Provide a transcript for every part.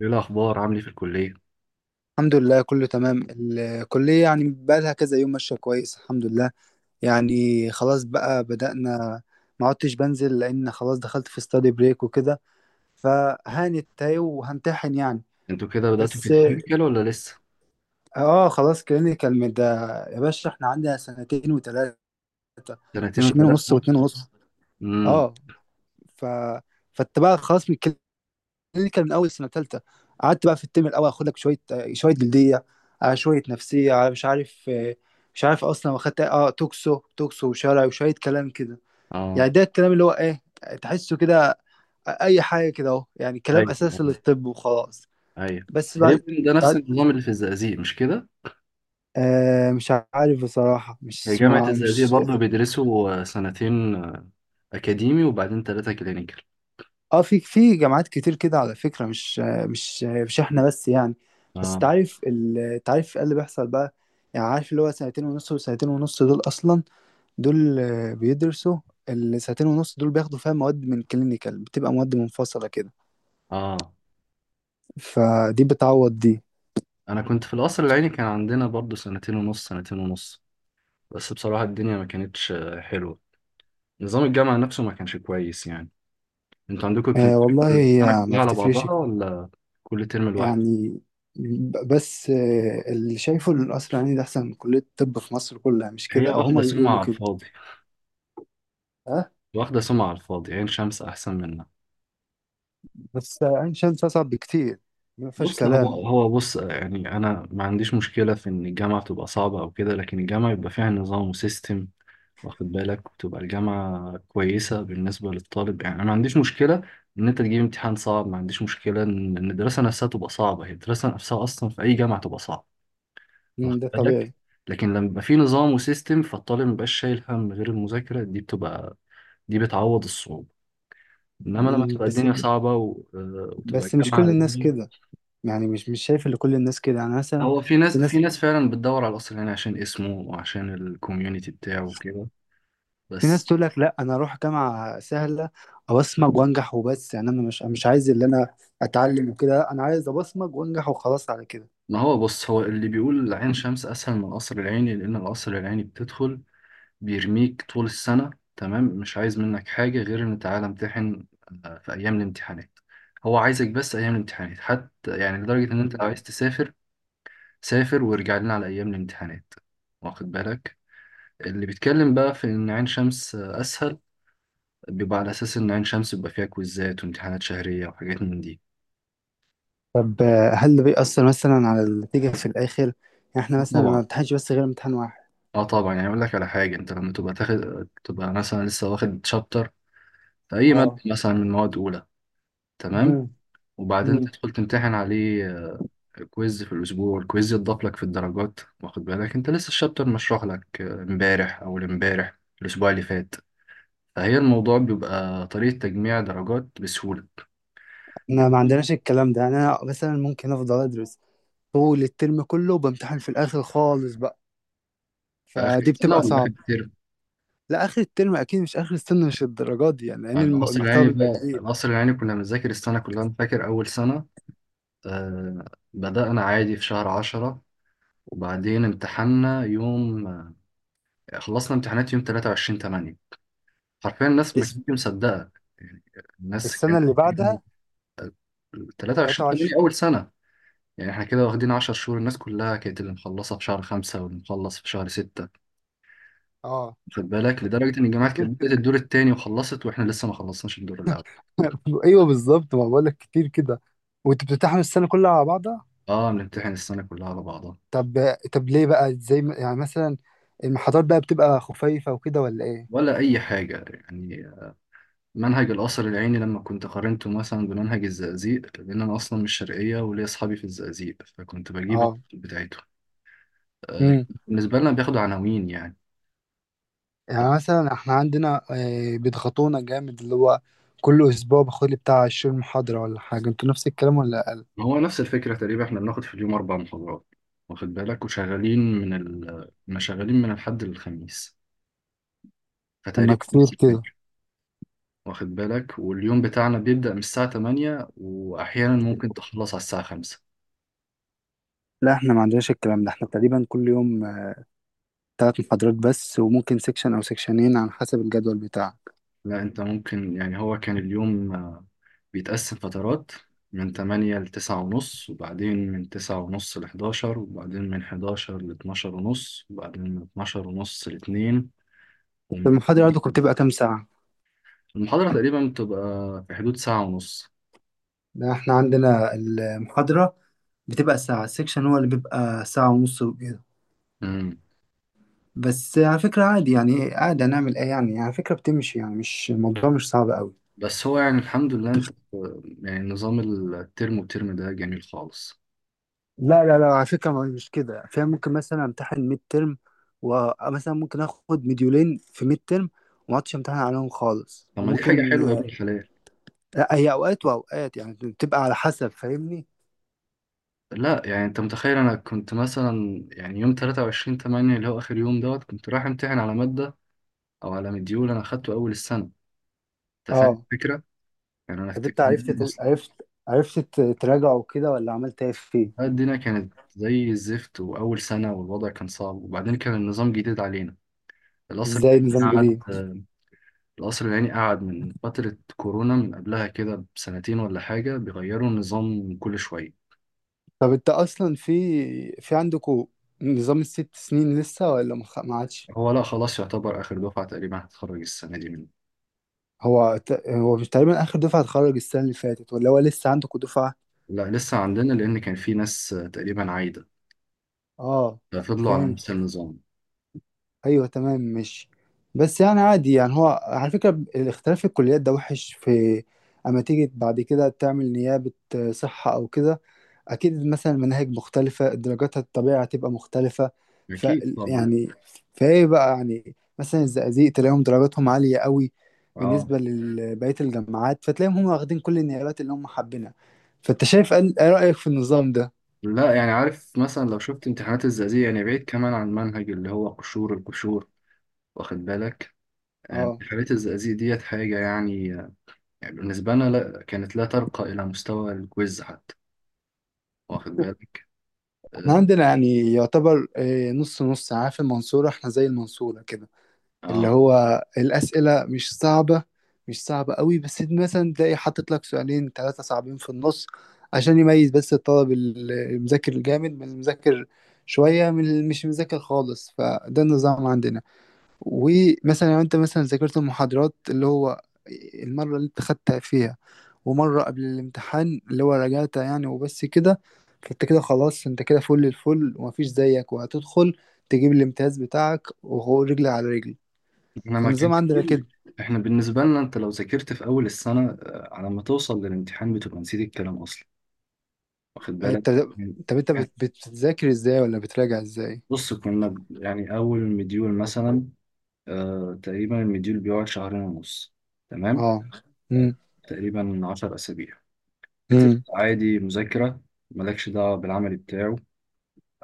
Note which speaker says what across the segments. Speaker 1: ايه الاخبار؟ عامل ايه في الكليه؟
Speaker 2: الحمد لله، كله تمام. الكلية يعني بقالها كذا يوم ماشية كويس، الحمد لله. يعني خلاص بقى بدأنا. ما عدتش بنزل لأن خلاص دخلت في ستادي بريك وكده. فهانت اهي وهمتحن يعني.
Speaker 1: انتوا كده بداتوا في
Speaker 2: بس.
Speaker 1: الكلينيكال ولا لسه؟
Speaker 2: اه، خلاص كلينيكال من ده. يا باشا، احنا عندنا سنتين وتلاتة.
Speaker 1: سنتين
Speaker 2: مش اتنين ونص
Speaker 1: وثلاثه.
Speaker 2: واتنين ونص.
Speaker 1: امم.
Speaker 2: اه. ف فانت بقى خلاص. اللي كان من اول سنه ثالثه، قعدت بقى في الترم الاول اخد لك شويه شويه جلديه، على شويه نفسيه، على مش عارف، مش عارف اصلا. واخدت اه توكسو وشرعي وشويه كلام كده. يعني
Speaker 1: اه.
Speaker 2: ده الكلام اللي هو ايه، تحسه كده. اي حاجه كده اهو، يعني كلام
Speaker 1: ايوه.
Speaker 2: اساسي
Speaker 1: آه.
Speaker 2: للطب وخلاص.
Speaker 1: ايوه.
Speaker 2: بس بعد.
Speaker 1: تقريبا ده نفس
Speaker 2: بعد
Speaker 1: النظام اللي في الزقازيق، مش كده؟
Speaker 2: مش عارف بصراحه
Speaker 1: هي
Speaker 2: مش
Speaker 1: جامعه
Speaker 2: مع-
Speaker 1: الزقازيق
Speaker 2: مش
Speaker 1: برضه بيدرسوا سنتين اكاديمي، وبعدين ثلاثه كلينيكال.
Speaker 2: اه، في جامعات كتير كده على فكرة، مش مش احنا بس يعني. بس
Speaker 1: اه.
Speaker 2: تعرف تعرف ايه اللي بيحصل بقى. يعني عارف اللي هو سنتين ونص وسنتين ونص دول اصلا، دول بيدرسوا. السنتين ونص دول بياخدوا فيها مواد من كلينيكال، بتبقى مواد منفصلة كده.
Speaker 1: اه.
Speaker 2: فدي بتعوض دي.
Speaker 1: انا كنت في القصر العيني، كان عندنا برضه سنتين ونص سنتين ونص. بس بصراحه الدنيا ما كانتش حلوه. نظام الجامعه نفسه ما كانش كويس يعني. انتوا عندكم
Speaker 2: آه والله
Speaker 1: بتمتحنوا
Speaker 2: هي
Speaker 1: السنه
Speaker 2: ما
Speaker 1: كلها على
Speaker 2: بتفرقش
Speaker 1: بعضها ولا كل ترم لوحده؟
Speaker 2: يعني. ب- بس آه اللي شايفه ان القصر العيني ده احسن من كلية الطب في مصر كلها، مش
Speaker 1: هي
Speaker 2: كده؟ او
Speaker 1: واخدة
Speaker 2: هما
Speaker 1: سمعة
Speaker 2: بيقولوا
Speaker 1: على
Speaker 2: كده.
Speaker 1: الفاضي.
Speaker 2: ها.
Speaker 1: واخدة سمعة على الفاضي. عين شمس أحسن منها.
Speaker 2: بس عين شمس اصعب بكتير، ما فيهاش
Speaker 1: بص هو
Speaker 2: كلام.
Speaker 1: هو بص يعني أنا ما عنديش مشكلة في إن الجامعة تبقى صعبة أو كده، لكن الجامعة يبقى فيها نظام وسيستم، واخد بالك، وتبقى الجامعة كويسة بالنسبة للطالب. يعني أنا ما عنديش مشكلة إن أنت تجيب امتحان صعب، ما عنديش مشكلة إن الدراسة نفسها تبقى صعبة. هي الدراسة نفسها أصلا في أي جامعة تبقى صعبة. واخد
Speaker 2: ده
Speaker 1: بالك.
Speaker 2: طبيعي.
Speaker 1: لكن لما يبقى في نظام وسيستم، فالطالب مبقاش شايل هم غير المذاكرة. دي بتعوض الصعوبة. انما لما تبقى
Speaker 2: بس،
Speaker 1: الدنيا صعبة و... آه، وتبقى
Speaker 2: بس مش كل
Speaker 1: الجامعة.
Speaker 2: الناس كده. يعني مش شايف ان كل الناس كده، يعني مثلا
Speaker 1: هو في
Speaker 2: في
Speaker 1: ناس في
Speaker 2: ناس،
Speaker 1: ناس فعلا بتدور على الاصل، يعني عشان اسمه وعشان الكوميونتي بتاعه وكده.
Speaker 2: في
Speaker 1: بس
Speaker 2: ناس تقول لك لا، انا اروح جامعه سهله. ابصمج وانجح وبس. يعني انا مش عايز اللي انا اتعلم وكده، لا، انا عايز ابصمج وانجح وخلاص على كده.
Speaker 1: ما هو بص، هو اللي بيقول عين شمس اسهل من القصر العيني لان القصر العيني بتدخل بيرميك طول السنه. تمام. مش عايز منك حاجه غير ان تعالى امتحن في ايام الامتحانات. هو عايزك بس ايام الامتحانات حتى، يعني لدرجه ان انت لو عايز تسافر، سافر وارجع لنا على ايام الامتحانات. واخد بالك. اللي بيتكلم بقى في ان عين شمس اسهل، بيبقى على اساس ان عين شمس بيبقى فيها كويزات وامتحانات شهريه وحاجات من دي.
Speaker 2: طب هل ده بيأثر مثلا على النتيجه في الاخر يعني؟ احنا
Speaker 1: آه
Speaker 2: مثلا ما
Speaker 1: طبعا.
Speaker 2: بنمتحنش بس غير امتحان واحد.
Speaker 1: اه طبعا. يعني اقول لك على حاجه. انت لما تبقى تاخد تبقى مثلا لسه واخد شابتر في اي ماده
Speaker 2: اه.
Speaker 1: مثلا من مواد اولى. تمام.
Speaker 2: مم.
Speaker 1: وبعدين
Speaker 2: مم.
Speaker 1: تدخل تمتحن عليه كويز في الاسبوع. الكويز يتضاف لك في الدرجات، واخد بالك، انت لسه الشابتر مشروح لك امبارح او امبارح الاسبوع اللي فات. فهي الموضوع بيبقى طريقه تجميع درجات بسهوله.
Speaker 2: احنا ما عندناش الكلام ده. يعني انا مثلا ممكن افضل ادرس طول الترم كله، وبامتحن في الاخر خالص بقى،
Speaker 1: في اخر
Speaker 2: فدي
Speaker 1: السنه
Speaker 2: بتبقى
Speaker 1: ولا اخر
Speaker 2: صعب.
Speaker 1: الترم؟
Speaker 2: لا اخر الترم اكيد، مش اخر السنه، مش الدرجات دي يعني، لان
Speaker 1: القصر
Speaker 2: المحتوى
Speaker 1: العيني
Speaker 2: بيبقى
Speaker 1: بقى،
Speaker 2: كبير.
Speaker 1: القصر العيني كنا بنذاكر السنة كلها. أنا فاكر أول سنة آه بدأنا عادي في شهر عشرة، وبعدين امتحنا يوم خلصنا امتحانات يوم تلاتة وعشرين تمانية. حرفيا الناس ما
Speaker 2: اس-
Speaker 1: كانتش مصدقة يعني. الناس
Speaker 2: السنه
Speaker 1: كانت
Speaker 2: اللي
Speaker 1: بتقول
Speaker 2: بعدها.
Speaker 1: تلاتة وعشرين تمانية
Speaker 2: 23.
Speaker 1: أول سنة! يعني احنا كده واخدين عشر شهور. الناس كلها كانت اللي مخلصة في شهر خمسة واللي مخلص في شهر ستة.
Speaker 2: اه،
Speaker 1: خد بالك لدرجة إن الجامعات
Speaker 2: كتير
Speaker 1: كانت بدأت
Speaker 2: كده.
Speaker 1: الدور التاني وخلصت، وإحنا لسه ما خلصناش الدور الأول.
Speaker 2: ايوه، بالظبط، ما بقول لك كتير كده. وانت بتمتحن السنه كلها على بعضها.
Speaker 1: اه بنمتحن السنة كلها على بعضها.
Speaker 2: طب ليه بقى، زي يعني مثلا، المحاضرات بقى بتبقى خفيفه وكده ولا ايه؟
Speaker 1: ولا أي حاجة يعني. منهج القصر العيني لما كنت قارنته مثلا بمنهج الزقازيق، لأن أنا أصلا مش شرقية وليا أصحابي في الزقازيق فكنت بجيب
Speaker 2: اه.
Speaker 1: بتاعته آه،
Speaker 2: امم
Speaker 1: بالنسبة لنا بياخدوا عناوين يعني.
Speaker 2: يعني مثلا احنا عندنا بيضغطونا جامد. اللي هو كل اسبوع باخد لي بتاع 20 محاضره ولا حاجه، انتوا نفس الكلام ولا؟
Speaker 1: هو نفس الفكرة تقريبا. إحنا بناخد في اليوم أربع محاضرات، واخد بالك، وشغالين من ال كنا شغالين من الحد للخميس.
Speaker 2: لما
Speaker 1: فتقريبا
Speaker 2: كتير
Speaker 1: نفس
Speaker 2: كده.
Speaker 1: الفكرة. واخد بالك. واليوم بتاعنا بيبدأ من الساعة 8 وأحيانا ممكن تخلص على الساعة 5.
Speaker 2: لا احنا ما عندناش الكلام ده، احنا تقريبا كل يوم ثلاث محاضرات بس، وممكن سيكشن او سيكشنين على حسب الجدول بتاعك.
Speaker 1: لا انت ممكن، يعني هو كان اليوم بيتقسم فترات. من 8 ل 9 ونص، وبعدين من 9 ونص ل 11، وبعدين من 11 ل 12 ونص، وبعدين من 12 ونص ل 2، ومن
Speaker 2: المحاضرة عندكم
Speaker 1: 2.
Speaker 2: بتبقى كام ساعة؟
Speaker 1: المحاضرة تقريبا بتبقى في حدود ساعة ونص.
Speaker 2: لا احنا عندنا المحاضرة بتبقى ساعة، السيكشن هو اللي بيبقى ساعة ونص وكده.
Speaker 1: مم.
Speaker 2: بس على فكرة عادي يعني، عادي هنعمل ايه يعني. على فكرة بتمشي يعني، مش الموضوع مش صعب قوي.
Speaker 1: بس هو يعني الحمد لله. انت يعني نظام الترم. والترم ده جميل خالص.
Speaker 2: لا لا لا، على فكرة مش كده، فيها ممكن مثلا امتحن ميد ترم، ومثلا ممكن اخد مديولين في ميد ترم وما اقعدش امتحن عليهم خالص،
Speaker 1: طب ما دي حاجة
Speaker 2: وممكن.
Speaker 1: حلوة يا ابن الحلال.
Speaker 2: لا هي اوقات واوقات يعني، بتبقى على حسب، فاهمني.
Speaker 1: لا يعني، انت متخيل انا كنت مثلا يعني يوم 23/8 اللي هو اخر يوم دوت كنت رايح امتحن على مادة او على مديول انا اخدته اول السنه. انت فاهم
Speaker 2: اه.
Speaker 1: الفكره. يعني انا
Speaker 2: طب
Speaker 1: افتكر
Speaker 2: انت
Speaker 1: إن اصلا
Speaker 2: عرفت تراجعه كده ولا عملت ايه فيه؟
Speaker 1: الدنيا كانت زي الزفت، واول سنه، والوضع كان صعب، وبعدين كان النظام جديد علينا. القصر
Speaker 2: ازاي
Speaker 1: العيني
Speaker 2: نظام
Speaker 1: قعد
Speaker 2: جديد؟
Speaker 1: القصر العيني قعد من فتره كورونا، من قبلها كده بسنتين ولا حاجه، بيغيروا النظام كل شويه.
Speaker 2: طب انت اصلا في، عندكوا نظام الست سنين لسه ولا ما عادش؟
Speaker 1: هو لا خلاص، يعتبر اخر دفعه تقريبا هتتخرج السنه دي منه.
Speaker 2: هو هو مش تقريبا اخر دفعه اتخرج السنه اللي فاتت، ولا هو لسه عندكوا دفعه؟
Speaker 1: لا لسه عندنا، لان كان في ناس تقريبا عايده،
Speaker 2: اه،
Speaker 1: ففضلوا على نفس
Speaker 2: فهمت.
Speaker 1: النظام.
Speaker 2: ايوه، تمام، مش، بس يعني عادي يعني. هو على فكره الاختلاف في الكليات ده وحش في، اما تيجي بعد كده تعمل نيابه صحه او كده، اكيد مثلا المناهج مختلفه، درجاتها الطبيعي هتبقى مختلفه. ف
Speaker 1: اكيد طبعا.
Speaker 2: يعني، فايه بقى يعني؟ مثلا الزقازيق تلاقيهم درجاتهم عاليه قوي
Speaker 1: اه.
Speaker 2: بالنسبه لبقيه الجامعات، فتلاقيهم هم واخدين كل النيابات اللي هم حابينها. فانت شايف ايه رايك في النظام ده؟
Speaker 1: لا يعني، عارف مثلا لو شفت امتحانات الزقازيق، يعني بعيد كمان عن المنهج اللي هو قشور القشور، واخد بالك.
Speaker 2: اه.
Speaker 1: امتحانات الزقازيق ديت حاجة يعني يعني بالنسبة لنا لا كانت لا ترقى إلى مستوى الكويز حتى. واخد بالك.
Speaker 2: احنا
Speaker 1: اه.
Speaker 2: عندنا يعني يعتبر نص نص. عارف المنصوره؟ احنا زي المنصوره كده. اللي
Speaker 1: آه.
Speaker 2: هو الأسئلة مش صعبة، مش صعبة قوي، بس انت مثلا تلاقي حاطط لك سؤالين ثلاثة صعبين في النص، عشان يميز بس الطالب المذاكر الجامد من المذاكر شوية، من اللي مش مذاكر خالص. فده النظام عندنا. ومثلا لو انت مثلا ذاكرت المحاضرات، اللي هو المرة اللي انت خدتها فيها، ومرة قبل الامتحان اللي هو راجعتها يعني وبس كده، فانت كده خلاص، انت كده فل الفل ومفيش زيك، وهتدخل تجيب الامتياز بتاعك وهو رجل على رجل.
Speaker 1: احنا ما كان
Speaker 2: فالنظام عندنا
Speaker 1: كتير.
Speaker 2: كده.
Speaker 1: احنا بالنسبة لنا، انت لو ذاكرت في أول السنة على ما توصل للامتحان بتبقى نسيت الكلام أصلا. واخد بالك.
Speaker 2: انت،
Speaker 1: يعني.
Speaker 2: طب انت
Speaker 1: يعني
Speaker 2: بتذاكر ازاي ولا بتراجع ازاي؟
Speaker 1: يعني أول مديول مثلا. آه تقريبا المديول بيقعد شهرين ونص. تمام.
Speaker 2: اه. امم
Speaker 1: تقريبا عشر أسابيع. بتبقى
Speaker 2: امم
Speaker 1: عادي مذاكرة. مالكش دعوة بالعمل بتاعه.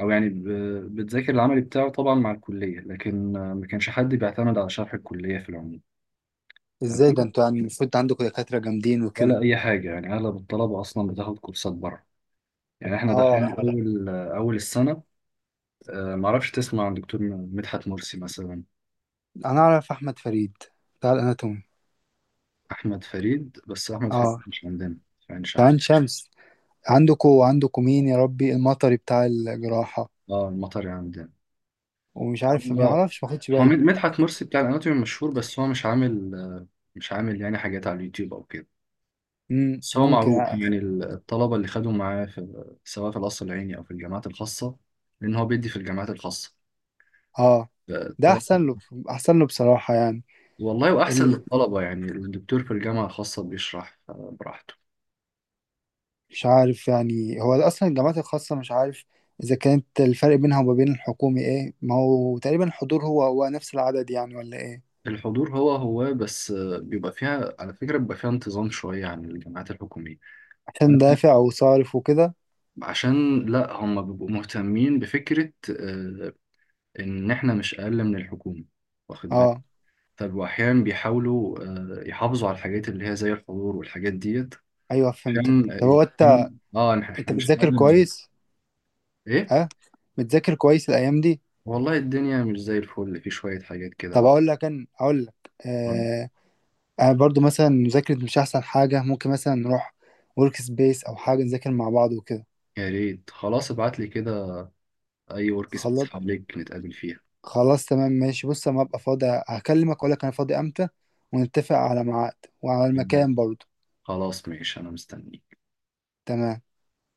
Speaker 1: أو يعني بتذاكر العمل بتاعه طبعا مع الكلية، لكن ما كانش حد بيعتمد على شرح الكلية في العموم.
Speaker 2: ازاي ده؟
Speaker 1: تمام.
Speaker 2: انتوا يعني المفروض عندكم دكاترة جامدين وكده.
Speaker 1: ولا أي حاجة يعني. أغلب الطلبة أصلا بتاخد كورسات بره. يعني إحنا دخلنا
Speaker 2: اه.
Speaker 1: أول أول السنة معرفش تسمع عن دكتور مدحت مرسي مثلا.
Speaker 2: انا اعرف احمد فريد بتاع الاناتومي.
Speaker 1: أحمد فريد، بس أحمد فريد
Speaker 2: اه.
Speaker 1: مش عندنا في عين شمس.
Speaker 2: كمان شمس. عندكم مين يا ربي المطري بتاع الجراحة،
Speaker 1: اه المطر عندنا.
Speaker 2: ومش عارف،
Speaker 1: هو
Speaker 2: ما يعرفش، ما خدش بالي.
Speaker 1: مدحت مرسي بتاع الاناتومي مشهور، بس هو مش عامل. مش عامل يعني حاجات على اليوتيوب او كده. بس هو
Speaker 2: ممكن.
Speaker 1: معروف يعني. الطلبه اللي خدوا معاه، في سواء في القصر العيني او في الجامعات الخاصه، لان هو بيدي في الجامعات الخاصه
Speaker 2: اه، ده
Speaker 1: الطلبة.
Speaker 2: احسن له، احسن له بصراحة. يعني
Speaker 1: والله واحسن للطلبه يعني. الدكتور في الجامعه الخاصه بيشرح براحته.
Speaker 2: مش عارف، يعني هو اصلا الجامعات الخاصه مش عارف اذا كانت، الفرق بينها وما بين الحكومي ايه؟ ما هو تقريبا الحضور هو هو نفس العدد يعني ولا ايه؟
Speaker 1: الحضور هو هو، بس بيبقى فيها على فكره بيبقى فيها انتظام شويه عن الجامعات الحكوميه.
Speaker 2: عشان دافع وصارف وكده.
Speaker 1: عشان لا، هم بيبقوا مهتمين بفكرة آه، ان احنا مش اقل من الحكومه، واخد بالك.
Speaker 2: اه.
Speaker 1: طب واحيانا بيحاولوا يحافظوا على الحاجات اللي هي زي الحضور والحاجات ديت،
Speaker 2: ايوه، فهمتك.
Speaker 1: عشان
Speaker 2: طب هو انت
Speaker 1: اه
Speaker 2: انت
Speaker 1: احنا مش اقل
Speaker 2: بتذاكر
Speaker 1: من.
Speaker 2: كويس؟
Speaker 1: ايه.
Speaker 2: ها؟ بتذاكر كويس الايام دي؟
Speaker 1: والله الدنيا مش زي الفل. في شويه حاجات كده
Speaker 2: طب
Speaker 1: بقى.
Speaker 2: اقول لك،
Speaker 1: طب
Speaker 2: آه انا برضو مثلا مذاكرة مش احسن حاجه، ممكن مثلا نروح ورك سبيس او حاجه نذاكر مع بعض وكده.
Speaker 1: يا ريت. خلاص ابعت لي كده اي ورك سبيس
Speaker 2: خلاص،
Speaker 1: حواليك نتقابل فيها.
Speaker 2: خلاص تمام ماشي. بص اما ابقى فاضي هكلمك، اقول لك انا فاضي امتى، ونتفق على ميعاد وعلى المكان برضه.
Speaker 1: خلاص ماشي انا مستني.
Speaker 2: تمام.